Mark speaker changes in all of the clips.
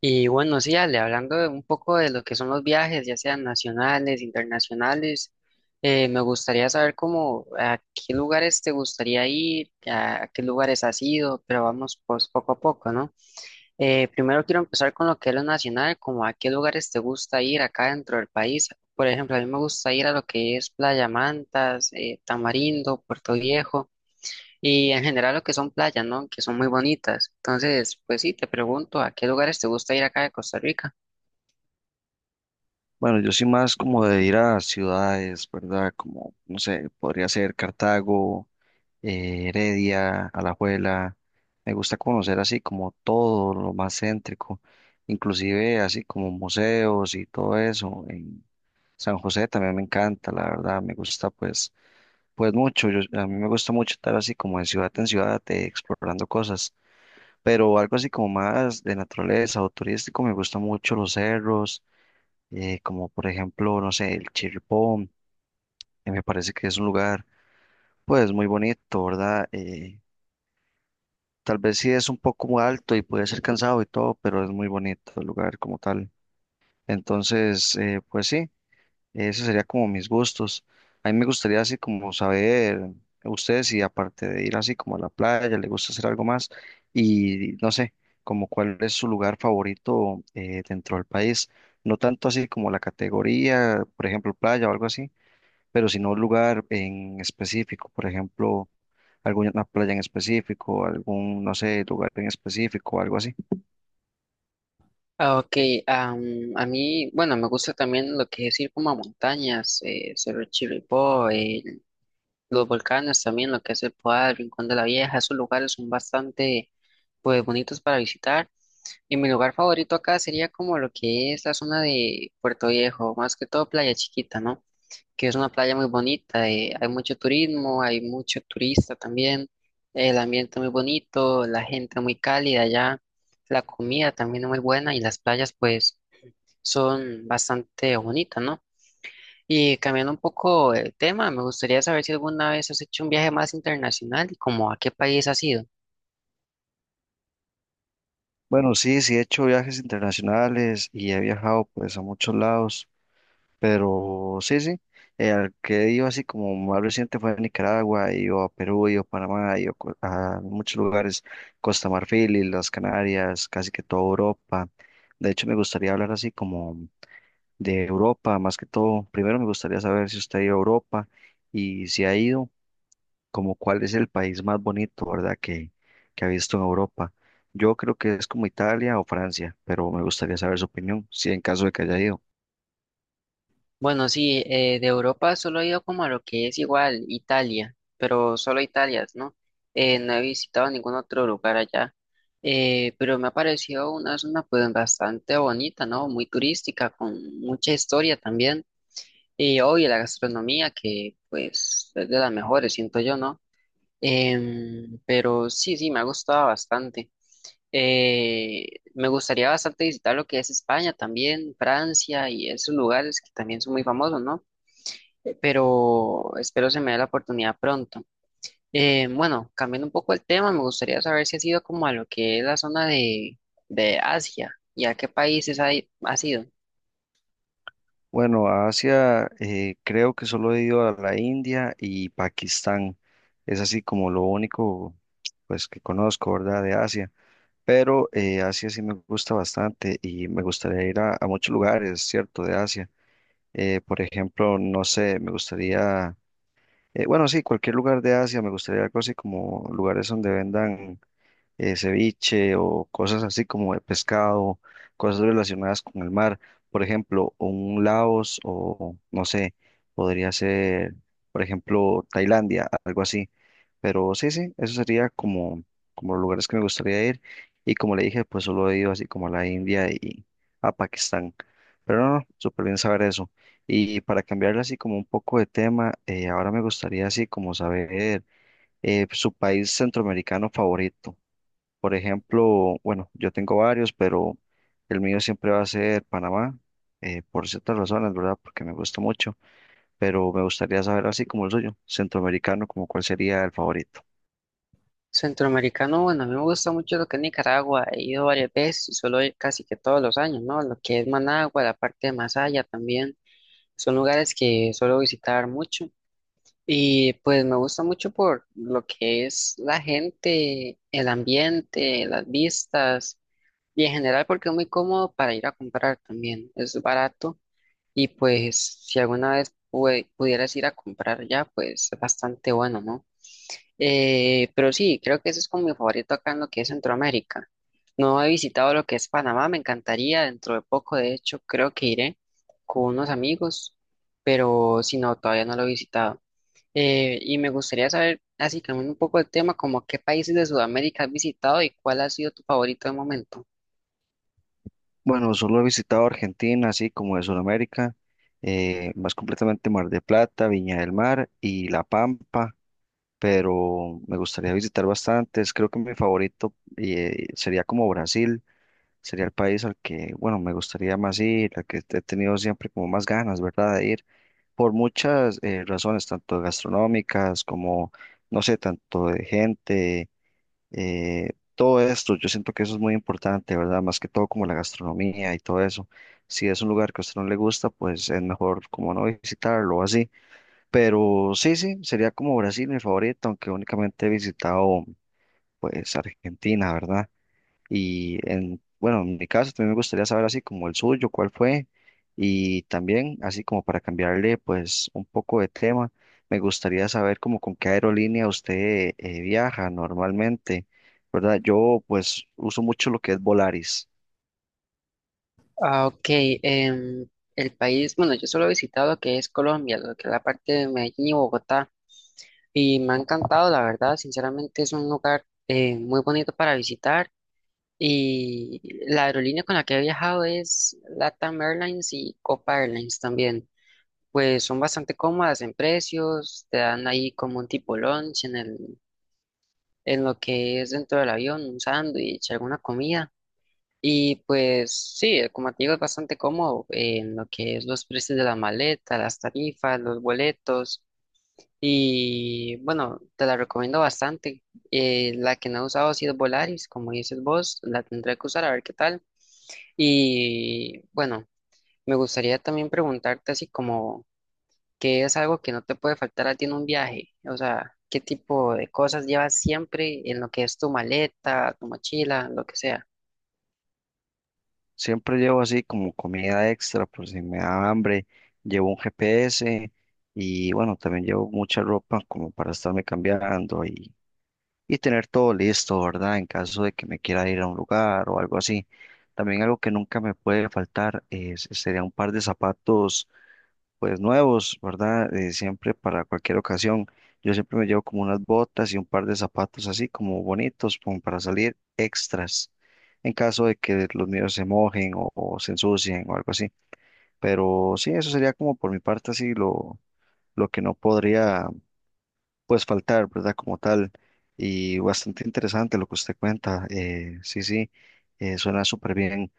Speaker 1: Y bueno, sí, Ale, hablando de un poco de lo que son los viajes, ya sean nacionales, internacionales, me gustaría saber cómo, a qué lugares te gustaría ir, a qué lugares has ido, pero vamos pues poco a poco, ¿no? Primero quiero empezar con lo que es lo nacional, como a qué lugares te gusta ir acá dentro del país. Por ejemplo, a mí me gusta ir a lo que es Playa Mantas, Tamarindo, Puerto Viejo. Y en general lo que son playas, ¿no? Que son muy bonitas. Entonces, pues sí, te pregunto, ¿a qué lugares te gusta ir acá de Costa Rica?
Speaker 2: Bueno, yo soy más como de ir a ciudades, ¿verdad? Como, no sé, podría ser Cartago, Heredia, Alajuela. Me gusta conocer así como todo lo más céntrico, inclusive así como museos y todo eso. En San José también me encanta, la verdad, me gusta pues mucho. A mí me gusta mucho estar así como de ciudad en ciudad, explorando cosas, pero algo así como más de naturaleza o turístico, me gusta mucho los cerros como por ejemplo, no sé, el Chirripón, que me parece que es un lugar pues muy bonito, ¿verdad? Tal vez sí es un poco alto y puede ser cansado y todo, pero es muy bonito el lugar como tal. Entonces, pues sí, ese sería como mis gustos. A mí me gustaría así como saber ustedes si aparte de ir así como a la playa, le gusta hacer algo más y no sé, como cuál es su lugar favorito dentro del país. No tanto así como la categoría, por ejemplo, playa o algo así, pero si no un lugar en específico, por ejemplo, alguna playa en específico, algún, no sé, lugar en específico, algo así.
Speaker 1: Ah, ok, am, a mí, bueno, me gusta también lo que es ir como a montañas, Cerro Chirripó, los volcanes también, lo que es el Poal, Rincón de la Vieja, esos lugares son bastante, pues, bonitos para visitar. Y mi lugar favorito acá sería como lo que es la zona de Puerto Viejo, más que todo Playa Chiquita, ¿no? Que es una playa muy bonita, hay mucho turismo, hay mucho turista también, el ambiente muy bonito, la gente muy cálida allá, la comida también es muy buena y las playas pues son bastante bonitas, ¿no? Y cambiando un poco el tema, me gustaría saber si alguna vez has hecho un viaje más internacional y como a qué país has ido.
Speaker 2: Bueno, sí, sí he hecho viajes internacionales y he viajado pues a muchos lados, pero sí, sí, al que he ido así como más reciente fue a Nicaragua, he ido a Perú, he ido a Panamá, he ido a muchos lugares, Costa Marfil y las Canarias, casi que toda Europa. De hecho, me gustaría hablar así como de Europa, más que todo. Primero me gustaría saber si usted ha ido a Europa y si ha ido, como cuál es el país más bonito, ¿verdad? Que ha visto en Europa. Yo creo que es como Italia o Francia, pero me gustaría saber su opinión, si en caso de que haya ido.
Speaker 1: Bueno, sí, de Europa solo he ido como a lo que es igual Italia, pero solo Italia, ¿no? No he visitado ningún otro lugar allá, pero me ha parecido una zona pues bastante bonita, ¿no? Muy turística, con mucha historia también, y obvio la gastronomía que pues es de las mejores, siento yo, ¿no? Pero sí, sí, me ha gustado bastante. Eh, Me gustaría bastante visitar lo que es España también, Francia y esos lugares que también son muy famosos, ¿no? Pero espero se me dé la oportunidad pronto. Bueno, cambiando un poco el tema, me gustaría saber si has ido como a lo que es la zona de Asia y a qué países has ido.
Speaker 2: Bueno, a Asia creo que solo he ido a la India y Pakistán. Es así como lo único pues que conozco, ¿verdad? De Asia. Pero Asia sí me gusta bastante y me gustaría ir a muchos lugares, ¿cierto? De Asia. Por ejemplo, no sé, me gustaría, bueno, sí, cualquier lugar de Asia, me gustaría algo así como lugares donde vendan ceviche o cosas así como de pescado, cosas relacionadas con el mar. Por ejemplo, un Laos o no sé, podría ser, por ejemplo, Tailandia, algo así. Pero sí, sí, eso sería como, como los lugares que me gustaría ir. Y como le dije, pues solo he ido así como a la India y a Pakistán. Pero no, no, súper bien saber eso. Y para cambiarle así como un poco de tema, ahora me gustaría así como saber su país centroamericano favorito. Por ejemplo, bueno, yo tengo varios, pero el mío siempre va a ser Panamá, por ciertas razones, ¿verdad? Porque me gusta mucho, pero me gustaría saber así como el suyo, centroamericano, como cuál sería el favorito.
Speaker 1: Centroamericano, bueno, a mí me gusta mucho lo que es Nicaragua, he ido varias veces y suelo ir casi que todos los años, ¿no? Lo que es Managua, la parte de Masaya también, son lugares que suelo visitar mucho. Y pues me gusta mucho por lo que es la gente, el ambiente, las vistas. Y en general porque es muy cómodo para ir a comprar también, es barato y pues si alguna vez pudieras ir a comprar ya, pues es bastante bueno, ¿no? Pero sí, creo que eso es como mi favorito acá en lo que es Centroamérica. No he visitado lo que es Panamá, me encantaría, dentro de poco de hecho creo que iré con unos amigos, pero si no, todavía no lo he visitado. Y me gustaría saber, así cambiando un poco el tema, como qué países de Sudamérica has visitado y cuál ha sido tu favorito de momento.
Speaker 2: Bueno, solo he visitado Argentina, así como de Sudamérica, más completamente Mar de Plata, Viña del Mar y La Pampa, pero me gustaría visitar bastantes. Creo que mi favorito, sería como Brasil. Sería el país al que, bueno, me gustaría más ir, al que he tenido siempre como más ganas, ¿verdad? De ir por muchas razones, tanto gastronómicas como, no sé, tanto de gente, todo esto. Yo siento que eso es muy importante, ¿verdad? Más que todo como la gastronomía y todo eso. Si es un lugar que a usted no le gusta, pues es mejor como no visitarlo o así. Pero sí, sí, sería como Brasil mi favorito, aunque únicamente he visitado pues Argentina, ¿verdad? Y en, bueno, en mi caso también me gustaría saber así como el suyo, cuál fue. Y también, así como para cambiarle pues un poco de tema, me gustaría saber como con qué aerolínea usted viaja normalmente, ¿verdad? Yo pues uso mucho lo que es Volaris.
Speaker 1: Ah, ok. em, el país, bueno, yo solo he visitado que es Colombia, lo que es la parte de Medellín y Bogotá, y me ha encantado, la verdad, sinceramente es un lugar muy bonito para visitar, y la aerolínea con la que he viajado es LATAM Airlines y Copa Airlines también, pues son bastante cómodas en precios, te dan ahí como un tipo lunch en el, en lo que es dentro del avión, un sándwich, alguna comida. Y pues sí, como te digo, es bastante cómodo en lo que es los precios de la maleta, las tarifas, los boletos. Y bueno, te la recomiendo bastante. La que no he usado ha sido Volaris, como dices vos, la tendré que usar a ver qué tal. Y bueno, me gustaría también preguntarte así como ¿qué es algo que no te puede faltar a ti en un viaje? O sea, ¿qué tipo de cosas llevas siempre en lo que es tu maleta, tu mochila, lo que sea?
Speaker 2: Siempre llevo así como comida extra por si me da hambre, llevo un GPS y bueno, también llevo mucha ropa como para estarme cambiando y tener todo listo, ¿verdad? En caso de que me quiera ir a un lugar o algo así. También algo que nunca me puede faltar es, sería un par de zapatos, pues nuevos, ¿verdad? Siempre para cualquier ocasión. Yo siempre me llevo como unas botas y un par de zapatos así como bonitos, como para salir extras, en caso de que los míos se mojen o se ensucien o algo así. Pero sí, eso sería como por mi parte así lo que no podría pues faltar, ¿verdad? Como tal. Y bastante interesante lo que usted cuenta. Sí, sí, suena súper bien.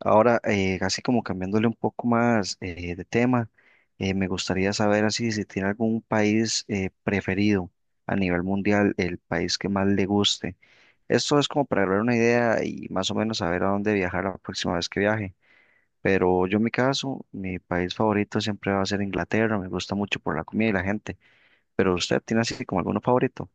Speaker 2: Ahora, así como cambiándole un poco más de tema, me gustaría saber así si tiene algún país preferido a nivel mundial, el país que más le guste. Esto es como para dar una idea y más o menos saber a dónde viajar la próxima vez que viaje. Pero yo en mi caso, mi país favorito siempre va a ser Inglaterra, me gusta mucho por la comida y la gente. Pero usted tiene así como alguno favorito.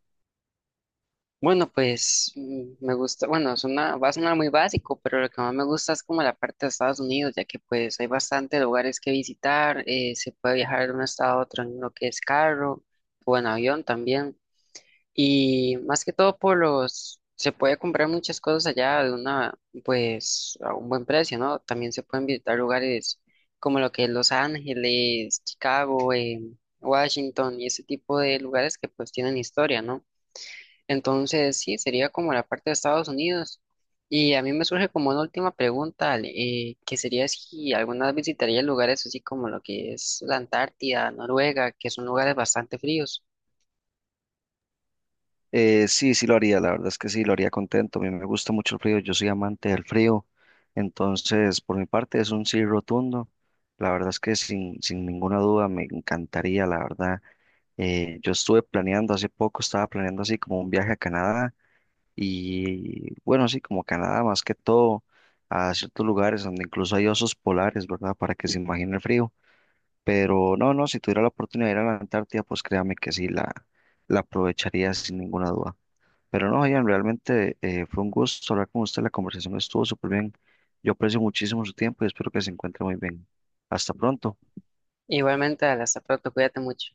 Speaker 1: Bueno, pues me gusta, bueno, suena, va a sonar muy básico, pero lo que más me gusta es como la parte de Estados Unidos, ya que pues hay bastantes lugares que visitar, se puede viajar de un estado a otro en lo que es carro o en avión también. Y más que todo por los, se puede comprar muchas cosas allá de una, pues a un buen precio, ¿no? También se pueden visitar lugares como lo que es Los Ángeles, Chicago, Washington y ese tipo de lugares que pues tienen historia, ¿no? Entonces, sí, sería como la parte de Estados Unidos. Y a mí me surge como una última pregunta, Ale, que sería si alguna vez visitaría lugares así como lo que es la Antártida, Noruega, que son lugares bastante fríos.
Speaker 2: Sí, sí lo haría, la verdad es que sí, lo haría contento. A mí me gusta mucho el frío, yo soy amante del frío. Entonces, por mi parte, es un sí rotundo. La verdad es que sin ninguna duda me encantaría, la verdad. Yo estuve planeando hace poco, estaba planeando así como un viaje a Canadá y bueno, así como Canadá, más que todo a ciertos lugares donde incluso hay osos polares, ¿verdad? Para que se imagine el frío. Pero no, no, si tuviera la oportunidad de ir a la Antártida, pues créame que sí, la aprovecharía sin ninguna duda. Pero no, Ian, realmente fue un gusto hablar con usted. La conversación estuvo súper bien. Yo aprecio muchísimo su tiempo y espero que se encuentre muy bien. Hasta pronto.
Speaker 1: Igualmente, Ale, hasta pronto, cuídate mucho.